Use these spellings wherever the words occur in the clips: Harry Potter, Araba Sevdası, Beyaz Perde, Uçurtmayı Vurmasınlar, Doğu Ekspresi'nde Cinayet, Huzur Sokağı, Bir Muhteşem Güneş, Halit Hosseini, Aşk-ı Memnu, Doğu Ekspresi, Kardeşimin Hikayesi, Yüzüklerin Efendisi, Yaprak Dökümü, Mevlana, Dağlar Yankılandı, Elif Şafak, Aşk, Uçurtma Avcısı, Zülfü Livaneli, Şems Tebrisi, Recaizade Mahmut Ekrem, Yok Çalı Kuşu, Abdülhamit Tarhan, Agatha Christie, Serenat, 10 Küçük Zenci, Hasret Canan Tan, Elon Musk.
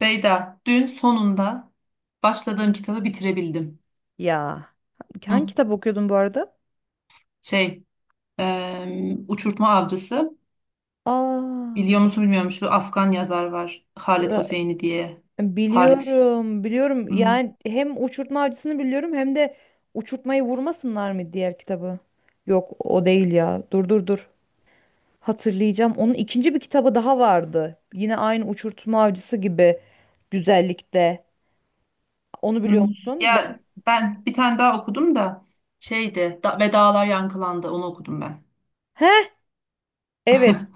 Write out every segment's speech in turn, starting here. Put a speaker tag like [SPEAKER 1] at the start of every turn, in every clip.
[SPEAKER 1] Beyda, dün sonunda başladığım kitabı bitirebildim.
[SPEAKER 2] Ya
[SPEAKER 1] Hı,
[SPEAKER 2] hangi kitap okuyordun bu arada?
[SPEAKER 1] şey, Uçurtma Avcısı.
[SPEAKER 2] Aa,
[SPEAKER 1] Biliyor musun bilmiyorum, şu Afgan yazar var. Halit Hosseini diye. Halit.
[SPEAKER 2] biliyorum, biliyorum.
[SPEAKER 1] Hı,
[SPEAKER 2] Yani hem Uçurtma Avcısı'nı biliyorum hem de Uçurtmayı Vurmasınlar mı diğer kitabı? Yok, o değil ya. Dur dur dur. Hatırlayacağım. Onun ikinci bir kitabı daha vardı. Yine aynı Uçurtma Avcısı gibi güzellikte. Onu
[SPEAKER 1] hı.
[SPEAKER 2] biliyor musun?
[SPEAKER 1] Ya
[SPEAKER 2] Ben
[SPEAKER 1] ben bir tane daha okudum da Ve Dağlar Yankılandı, onu okudum ben.
[SPEAKER 2] heh, evet.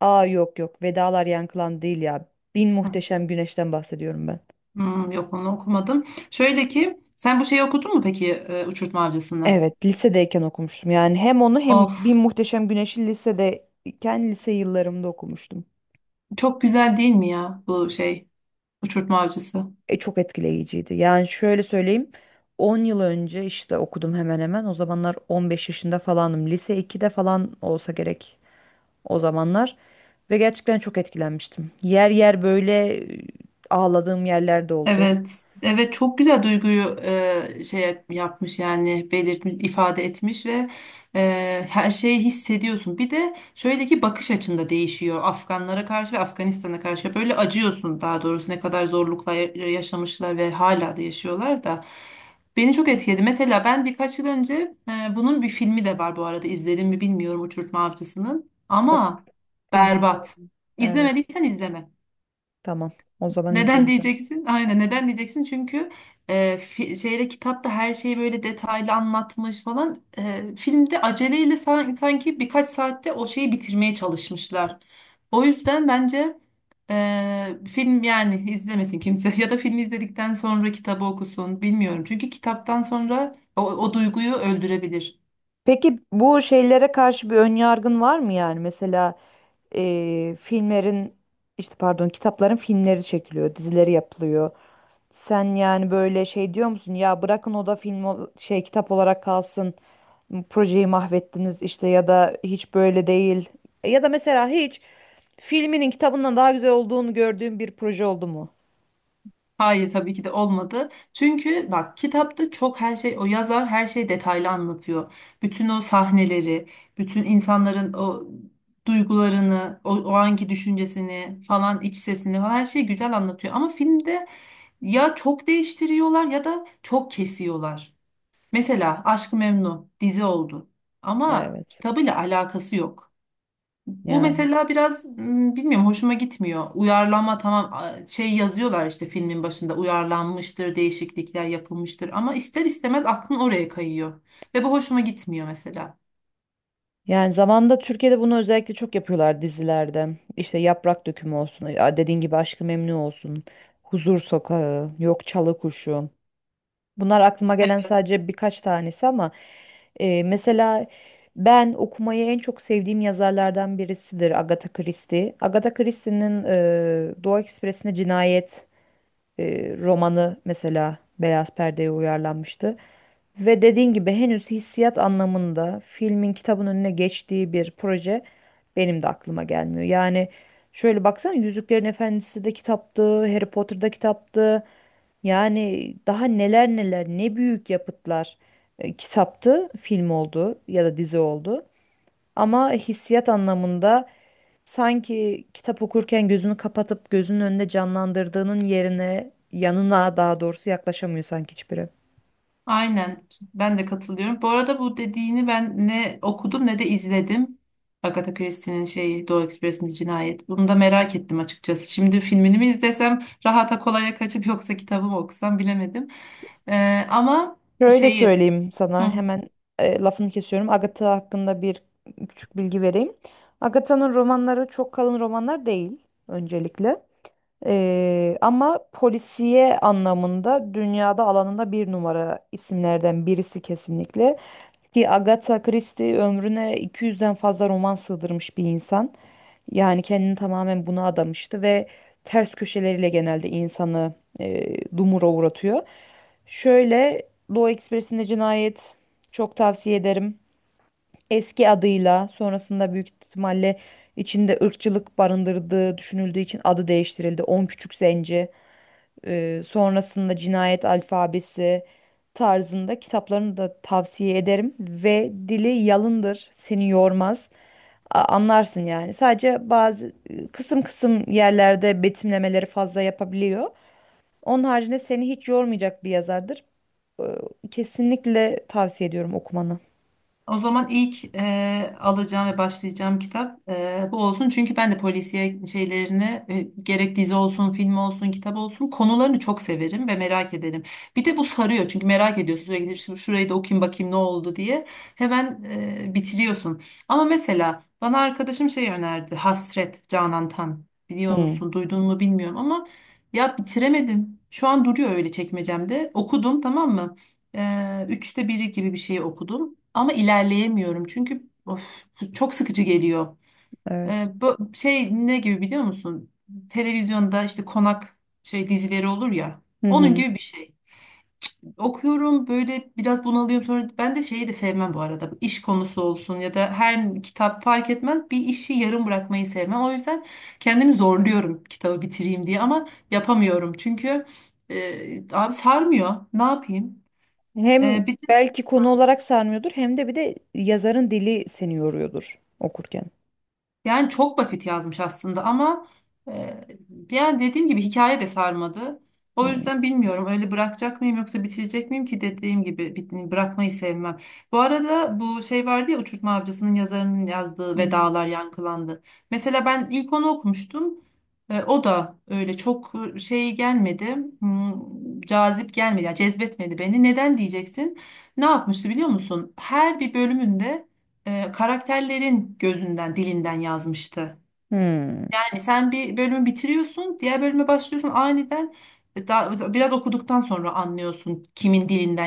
[SPEAKER 2] Aa yok yok. Vedalar Yankılan değil ya. Bin
[SPEAKER 1] Hı,
[SPEAKER 2] Muhteşem Güneş'ten bahsediyorum ben.
[SPEAKER 1] hı, yok onu okumadım. Şöyle ki sen bu şeyi okudun mu peki, Uçurtma Avcısı'nı?
[SPEAKER 2] Evet, lisedeyken okumuştum. Yani hem onu hem Bir
[SPEAKER 1] Of,
[SPEAKER 2] Muhteşem Güneş'i lisedeyken lise yıllarımda okumuştum.
[SPEAKER 1] çok güzel değil mi ya bu şey? Uçurtma Avcısı.
[SPEAKER 2] E, çok etkileyiciydi. Yani şöyle söyleyeyim. 10 yıl önce işte okudum hemen hemen. O zamanlar 15 yaşında falanım. Lise 2'de falan olsa gerek o zamanlar. Ve gerçekten çok etkilenmiştim. Yer yer böyle ağladığım yerler de oldu.
[SPEAKER 1] Evet, evet, çok güzel duyguyu yapmış, yani belirtmiş, ifade etmiş ve her şeyi hissediyorsun. Bir de şöyle ki bakış açında değişiyor Afganlara karşı ve Afganistan'a karşı. Böyle acıyorsun, daha doğrusu ne kadar zorluklar yaşamışlar ve hala da yaşıyorlar da. Beni çok etkiledi. Mesela ben birkaç yıl önce bunun bir filmi de var, bu arada izledim mi bilmiyorum Uçurtma Avcısı'nın,
[SPEAKER 2] Yok,
[SPEAKER 1] ama
[SPEAKER 2] film
[SPEAKER 1] berbat.
[SPEAKER 2] izlemedim. Evet,
[SPEAKER 1] İzlemediysen izleme.
[SPEAKER 2] tamam. O zaman
[SPEAKER 1] Neden
[SPEAKER 2] izlemeyeceğim.
[SPEAKER 1] diyeceksin? Aynen, neden diyeceksin? Çünkü şeyde, kitapta her şeyi böyle detaylı anlatmış falan. Filmde aceleyle sanki birkaç saatte o şeyi bitirmeye çalışmışlar. O yüzden bence film, yani izlemesin kimse ya da filmi izledikten sonra kitabı okusun, bilmiyorum. Çünkü kitaptan sonra o duyguyu öldürebilir.
[SPEAKER 2] Peki bu şeylere karşı bir ön yargın var mı yani? Mesela filmlerin işte pardon kitapların filmleri çekiliyor, dizileri yapılıyor. Sen yani böyle şey diyor musun? Ya bırakın o da şey kitap olarak kalsın. Projeyi mahvettiniz işte ya da hiç böyle değil. Ya da mesela hiç filminin kitabından daha güzel olduğunu gördüğün bir proje oldu mu?
[SPEAKER 1] Hayır, tabii ki de olmadı. Çünkü bak, kitapta çok her şey, o yazar her şeyi detaylı anlatıyor. Bütün o sahneleri, bütün insanların o duygularını, o anki düşüncesini falan, iç sesini falan, her şeyi güzel anlatıyor. Ama filmde ya çok değiştiriyorlar ya da çok kesiyorlar. Mesela Aşk-ı Memnu dizi oldu ama
[SPEAKER 2] Evet.
[SPEAKER 1] kitabıyla alakası yok. Bu
[SPEAKER 2] Yani
[SPEAKER 1] mesela biraz bilmiyorum, hoşuma gitmiyor. Uyarlama, tamam, şey yazıyorlar işte filmin başında, uyarlanmıştır, değişiklikler yapılmıştır, ama ister istemez aklın oraya kayıyor. Ve bu hoşuma gitmiyor mesela.
[SPEAKER 2] yani zamanda Türkiye'de bunu özellikle çok yapıyorlar dizilerde. İşte Yaprak Dökümü olsun, ya dediğin gibi Aşk-ı Memnu olsun, Huzur Sokağı, Yok Çalı Kuşu. Bunlar aklıma gelen sadece birkaç tanesi ama mesela ben okumayı en çok sevdiğim yazarlardan birisidir Agatha Christie. Agatha Christie'nin Doğu Ekspresi'nde Cinayet romanı mesela Beyaz Perde'ye uyarlanmıştı. Ve dediğin gibi henüz hissiyat anlamında filmin kitabın önüne geçtiği bir proje benim de aklıma gelmiyor. Yani şöyle baksana Yüzüklerin Efendisi de kitaptı, Harry Potter'da kitaptı. Yani daha neler neler ne büyük yapıtlar kitaptı, film oldu ya da dizi oldu. Ama hissiyat anlamında sanki kitap okurken gözünü kapatıp gözünün önünde canlandırdığının yerine yanına daha doğrusu yaklaşamıyor sanki hiçbiri.
[SPEAKER 1] Aynen, ben de katılıyorum. Bu arada bu dediğini ben ne okudum ne de izledim. Agatha Christie'nin şeyi, Doğu Ekspresi'nin cinayet. Bunu da merak ettim açıkçası. Şimdi filmini mi izlesem, rahata kolaya kaçıp, yoksa kitabımı okusam, bilemedim. Ama
[SPEAKER 2] Şöyle
[SPEAKER 1] şeyi...
[SPEAKER 2] söyleyeyim
[SPEAKER 1] Hı.
[SPEAKER 2] sana hemen lafını kesiyorum. Agatha hakkında bir küçük bilgi vereyim. Agatha'nın romanları çok kalın romanlar değil öncelikle. Ama polisiye anlamında dünyada alanında bir numara isimlerden birisi kesinlikle. Ki Agatha Christie ömrüne 200'den fazla roman sığdırmış bir insan. Yani kendini tamamen buna adamıştı ve ters köşeleriyle genelde insanı dumura uğratıyor. Şöyle Doğu Ekspresi'nde Cinayet çok tavsiye ederim. Eski adıyla sonrasında büyük ihtimalle içinde ırkçılık barındırdığı düşünüldüğü için adı değiştirildi. 10 Küçük Zenci. Sonrasında cinayet alfabesi tarzında kitaplarını da tavsiye ederim ve dili yalındır, seni yormaz. Anlarsın yani. Sadece bazı kısım kısım yerlerde betimlemeleri fazla yapabiliyor. Onun haricinde seni hiç yormayacak bir yazardır. Kesinlikle tavsiye ediyorum okumanı.
[SPEAKER 1] O zaman ilk alacağım ve başlayacağım kitap bu olsun. Çünkü ben de polisiye şeylerini, gerek dizi olsun, film olsun, kitap olsun, konularını çok severim ve merak ederim. Bir de bu sarıyor çünkü merak ediyorsun sürekli. Şurayı da okuyayım bakayım ne oldu" diye. Hemen bitiriyorsun. Ama mesela bana arkadaşım şey önerdi. Hasret Canan Tan. Biliyor
[SPEAKER 2] Hmm,
[SPEAKER 1] musun, duydun mu bilmiyorum, ama ya bitiremedim. Şu an duruyor öyle çekmecemde. Okudum, tamam mı? Üçte biri gibi bir şey okudum, ama ilerleyemiyorum çünkü of, çok sıkıcı geliyor.
[SPEAKER 2] evet.
[SPEAKER 1] Bu şey ne gibi biliyor musun? Televizyonda işte konak şey dizileri olur ya.
[SPEAKER 2] Hı
[SPEAKER 1] Onun
[SPEAKER 2] hı.
[SPEAKER 1] gibi bir şey. Okuyorum böyle, biraz bunalıyorum, sonra ben de şeyi de sevmem bu arada. İş konusu olsun ya da her kitap fark etmez, bir işi yarım bırakmayı sevmem. O yüzden kendimi zorluyorum kitabı bitireyim diye, ama yapamıyorum. Çünkü abi sarmıyor. Ne yapayım?
[SPEAKER 2] Hem
[SPEAKER 1] Bir de
[SPEAKER 2] belki konu olarak sarmıyordur hem de bir de yazarın dili seni yoruyordur okurken.
[SPEAKER 1] Yani çok basit yazmış aslında ama e, yani dediğim gibi hikaye de sarmadı. O
[SPEAKER 2] Hmm,
[SPEAKER 1] yüzden bilmiyorum öyle bırakacak mıyım yoksa bitirecek miyim, ki dediğim gibi bırakmayı sevmem. Bu arada bu şey vardı ya, Uçurtma Avcısı'nın yazarının yazdığı,
[SPEAKER 2] hı
[SPEAKER 1] Ve
[SPEAKER 2] hı.
[SPEAKER 1] Dağlar Yankılandı. Mesela ben ilk onu okumuştum. E, o da öyle çok şey gelmedi. Hmm, cazip gelmedi. Yani cezbetmedi beni. Neden diyeceksin? Ne yapmıştı biliyor musun? Her bir bölümünde karakterlerin gözünden, dilinden yazmıştı.
[SPEAKER 2] Hmm.
[SPEAKER 1] Yani sen bir bölümü bitiriyorsun, diğer bölüme başlıyorsun, aniden biraz okuduktan sonra anlıyorsun kimin dilinden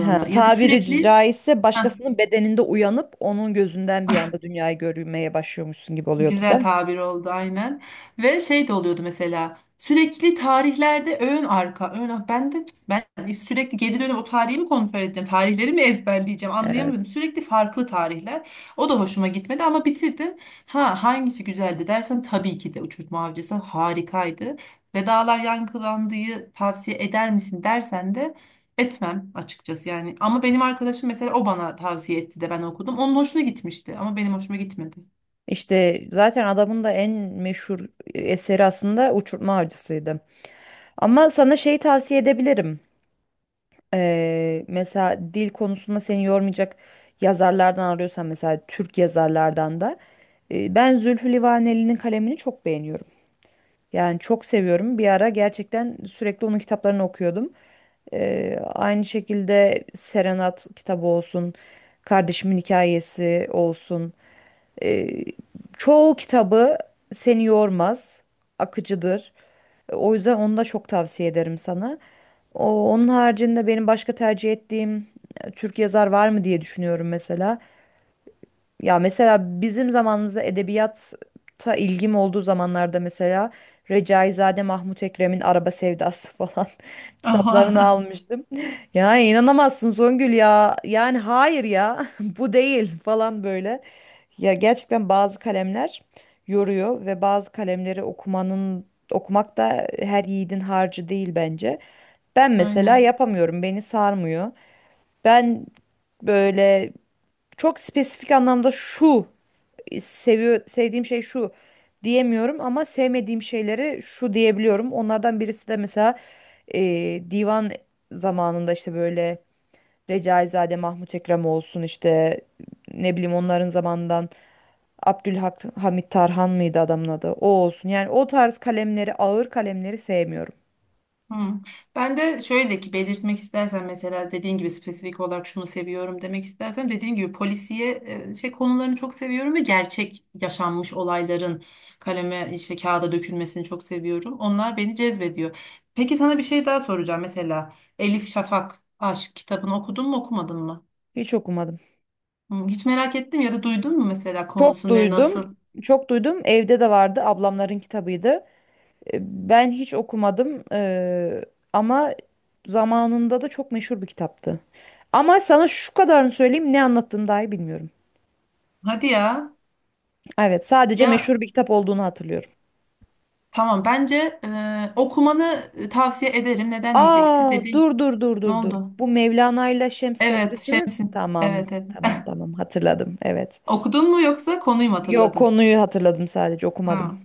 [SPEAKER 2] Ha,
[SPEAKER 1] ya da
[SPEAKER 2] tabiri
[SPEAKER 1] sürekli.
[SPEAKER 2] caizse
[SPEAKER 1] Heh,
[SPEAKER 2] başkasının bedeninde uyanıp onun gözünden bir anda dünyayı görmeye başlıyormuşsun gibi oluyordu değil
[SPEAKER 1] güzel
[SPEAKER 2] mi?
[SPEAKER 1] tabir oldu aynen. Ve şey de oluyordu mesela, sürekli tarihlerde ön arka ön ar- ben de ben sürekli geri dönüp o tarihi mi kontrol edeceğim, tarihleri mi ezberleyeceğim,
[SPEAKER 2] Evet.
[SPEAKER 1] anlayamıyordum, sürekli farklı tarihler. O da hoşuma gitmedi ama bitirdim. Ha, hangisi güzeldi dersen, tabii ki de Uçurtma Avcısı harikaydı. Ve Dağlar Yankılandı'yı tavsiye eder misin dersen de etmem açıkçası. Yani ama benim arkadaşım mesela, o bana tavsiye etti de ben okudum, onun hoşuna gitmişti ama benim hoşuma gitmedi.
[SPEAKER 2] İşte zaten adamın da en meşhur eseri aslında Uçurtma Avcısı'ydı. Ama sana şey tavsiye edebilirim. Mesela dil konusunda seni yormayacak yazarlardan arıyorsan mesela Türk yazarlardan da ben Zülfü Livaneli'nin kalemini çok beğeniyorum. Yani çok seviyorum. Bir ara gerçekten sürekli onun kitaplarını okuyordum. Aynı şekilde Serenat kitabı olsun, Kardeşimin Hikayesi olsun. Ee, çoğu kitabı seni yormaz, akıcıdır. O yüzden onu da çok tavsiye ederim sana. Onun haricinde benim başka tercih ettiğim Türk yazar var mı diye düşünüyorum mesela. Ya mesela bizim zamanımızda edebiyata ilgim olduğu zamanlarda mesela Recaizade Mahmut Ekrem'in Araba Sevdası falan kitaplarını almıştım. Ya inanamazsın Songül ya. Yani hayır ya, bu değil falan böyle. Ya gerçekten bazı kalemler yoruyor ve bazı kalemleri okumak da her yiğidin harcı değil bence. Ben mesela
[SPEAKER 1] Aynen.
[SPEAKER 2] yapamıyorum. Beni sarmıyor. Ben böyle çok spesifik anlamda şu sevdiğim şey şu diyemiyorum ama sevmediğim şeyleri şu diyebiliyorum. Onlardan birisi de mesela e, divan zamanında işte böyle Recaizade, Mahmut Ekrem olsun işte ne bileyim onların zamanından Abdülhamit Tarhan mıydı adamın adı? O olsun. Yani o tarz kalemleri, ağır kalemleri sevmiyorum.
[SPEAKER 1] Hı. Ben de şöyle ki, belirtmek istersen mesela dediğin gibi spesifik olarak şunu seviyorum demek istersen, dediğin gibi polisiye şey konularını çok seviyorum ve gerçek yaşanmış olayların kaleme, işte kağıda dökülmesini çok seviyorum. Onlar beni cezbediyor. Peki, sana bir şey daha soracağım. Mesela Elif Şafak Aşk kitabını okudun mu, okumadın mı?
[SPEAKER 2] Hiç okumadım.
[SPEAKER 1] Hı, hiç merak ettim, ya da duydun mu mesela
[SPEAKER 2] Çok
[SPEAKER 1] konusu ne,
[SPEAKER 2] duydum.
[SPEAKER 1] nasıl?
[SPEAKER 2] Çok duydum. Evde de vardı. Ablamların kitabıydı. E, Ben hiç okumadım. Ama zamanında da çok meşhur bir kitaptı. Ama sana şu kadarını söyleyeyim ne anlattığını dahi bilmiyorum.
[SPEAKER 1] Hadi ya.
[SPEAKER 2] Evet, sadece
[SPEAKER 1] Ya,
[SPEAKER 2] meşhur bir kitap olduğunu hatırlıyorum.
[SPEAKER 1] tamam, bence okumanı tavsiye ederim. Neden diyeceksin?
[SPEAKER 2] Aa
[SPEAKER 1] Dedi.
[SPEAKER 2] dur dur dur
[SPEAKER 1] Ne
[SPEAKER 2] dur dur.
[SPEAKER 1] oldu?
[SPEAKER 2] Bu Mevlana ile Şems
[SPEAKER 1] Evet,
[SPEAKER 2] Tebrisi'nin
[SPEAKER 1] Şemsin.
[SPEAKER 2] tamam
[SPEAKER 1] Evet, evet.
[SPEAKER 2] tamam tamam hatırladım evet.
[SPEAKER 1] Okudun mu, yoksa konuyu mu
[SPEAKER 2] Yok
[SPEAKER 1] hatırladın?
[SPEAKER 2] konuyu hatırladım sadece okumadım.
[SPEAKER 1] Ha.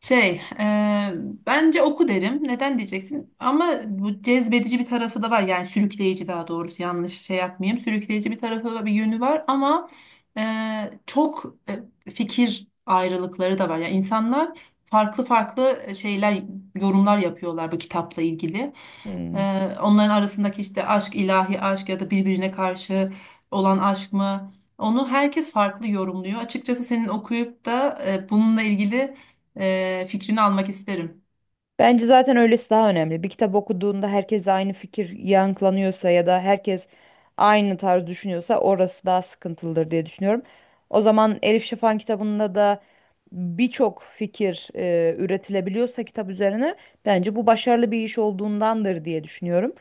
[SPEAKER 1] Şey, e, Bence oku derim. Neden diyeceksin? Ama bu cezbedici bir tarafı da var. Yani sürükleyici, daha doğrusu yanlış şey yapmayayım, sürükleyici bir tarafı ve bir yönü var, ama e, çok fikir ayrılıkları da var. Yani insanlar farklı farklı şeyler, yorumlar yapıyorlar bu kitapla ilgili.
[SPEAKER 2] Hmm.
[SPEAKER 1] E, Onların arasındaki işte aşk, ilahi aşk ya da birbirine karşı olan aşk mı? Onu herkes farklı yorumluyor. Açıkçası senin okuyup da bununla ilgili fikrini almak isterim.
[SPEAKER 2] Bence zaten öylesi daha önemli. Bir kitap okuduğunda herkes aynı fikir yankılanıyorsa ya da herkes aynı tarz düşünüyorsa orası daha sıkıntılıdır diye düşünüyorum. O zaman Elif Şafak'ın kitabında da birçok fikir üretilebiliyorsa kitap üzerine bence bu başarılı bir iş olduğundandır diye düşünüyorum.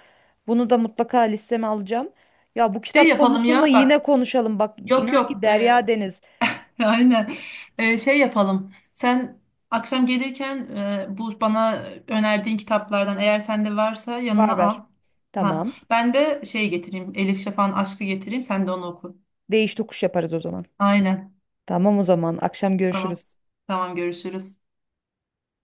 [SPEAKER 2] Bunu da mutlaka listeme alacağım. Ya bu
[SPEAKER 1] Şey
[SPEAKER 2] kitap
[SPEAKER 1] yapalım
[SPEAKER 2] konusunu
[SPEAKER 1] ya,
[SPEAKER 2] yine
[SPEAKER 1] bak.
[SPEAKER 2] konuşalım. Bak
[SPEAKER 1] Yok
[SPEAKER 2] inan
[SPEAKER 1] yok.
[SPEAKER 2] ki Derya Deniz
[SPEAKER 1] Aynen. Şey yapalım. Sen akşam gelirken bu bana önerdiğin kitaplardan, eğer sende varsa,
[SPEAKER 2] var
[SPEAKER 1] yanına al.
[SPEAKER 2] ver.
[SPEAKER 1] Ha,
[SPEAKER 2] Tamam.
[SPEAKER 1] ben de şey getireyim. Elif Şafak'ın Aşk'ı getireyim. Sen de onu oku.
[SPEAKER 2] Değiş tokuş yaparız o zaman.
[SPEAKER 1] Aynen.
[SPEAKER 2] Tamam o zaman. Akşam
[SPEAKER 1] Tamam.
[SPEAKER 2] görüşürüz.
[SPEAKER 1] Tamam, görüşürüz.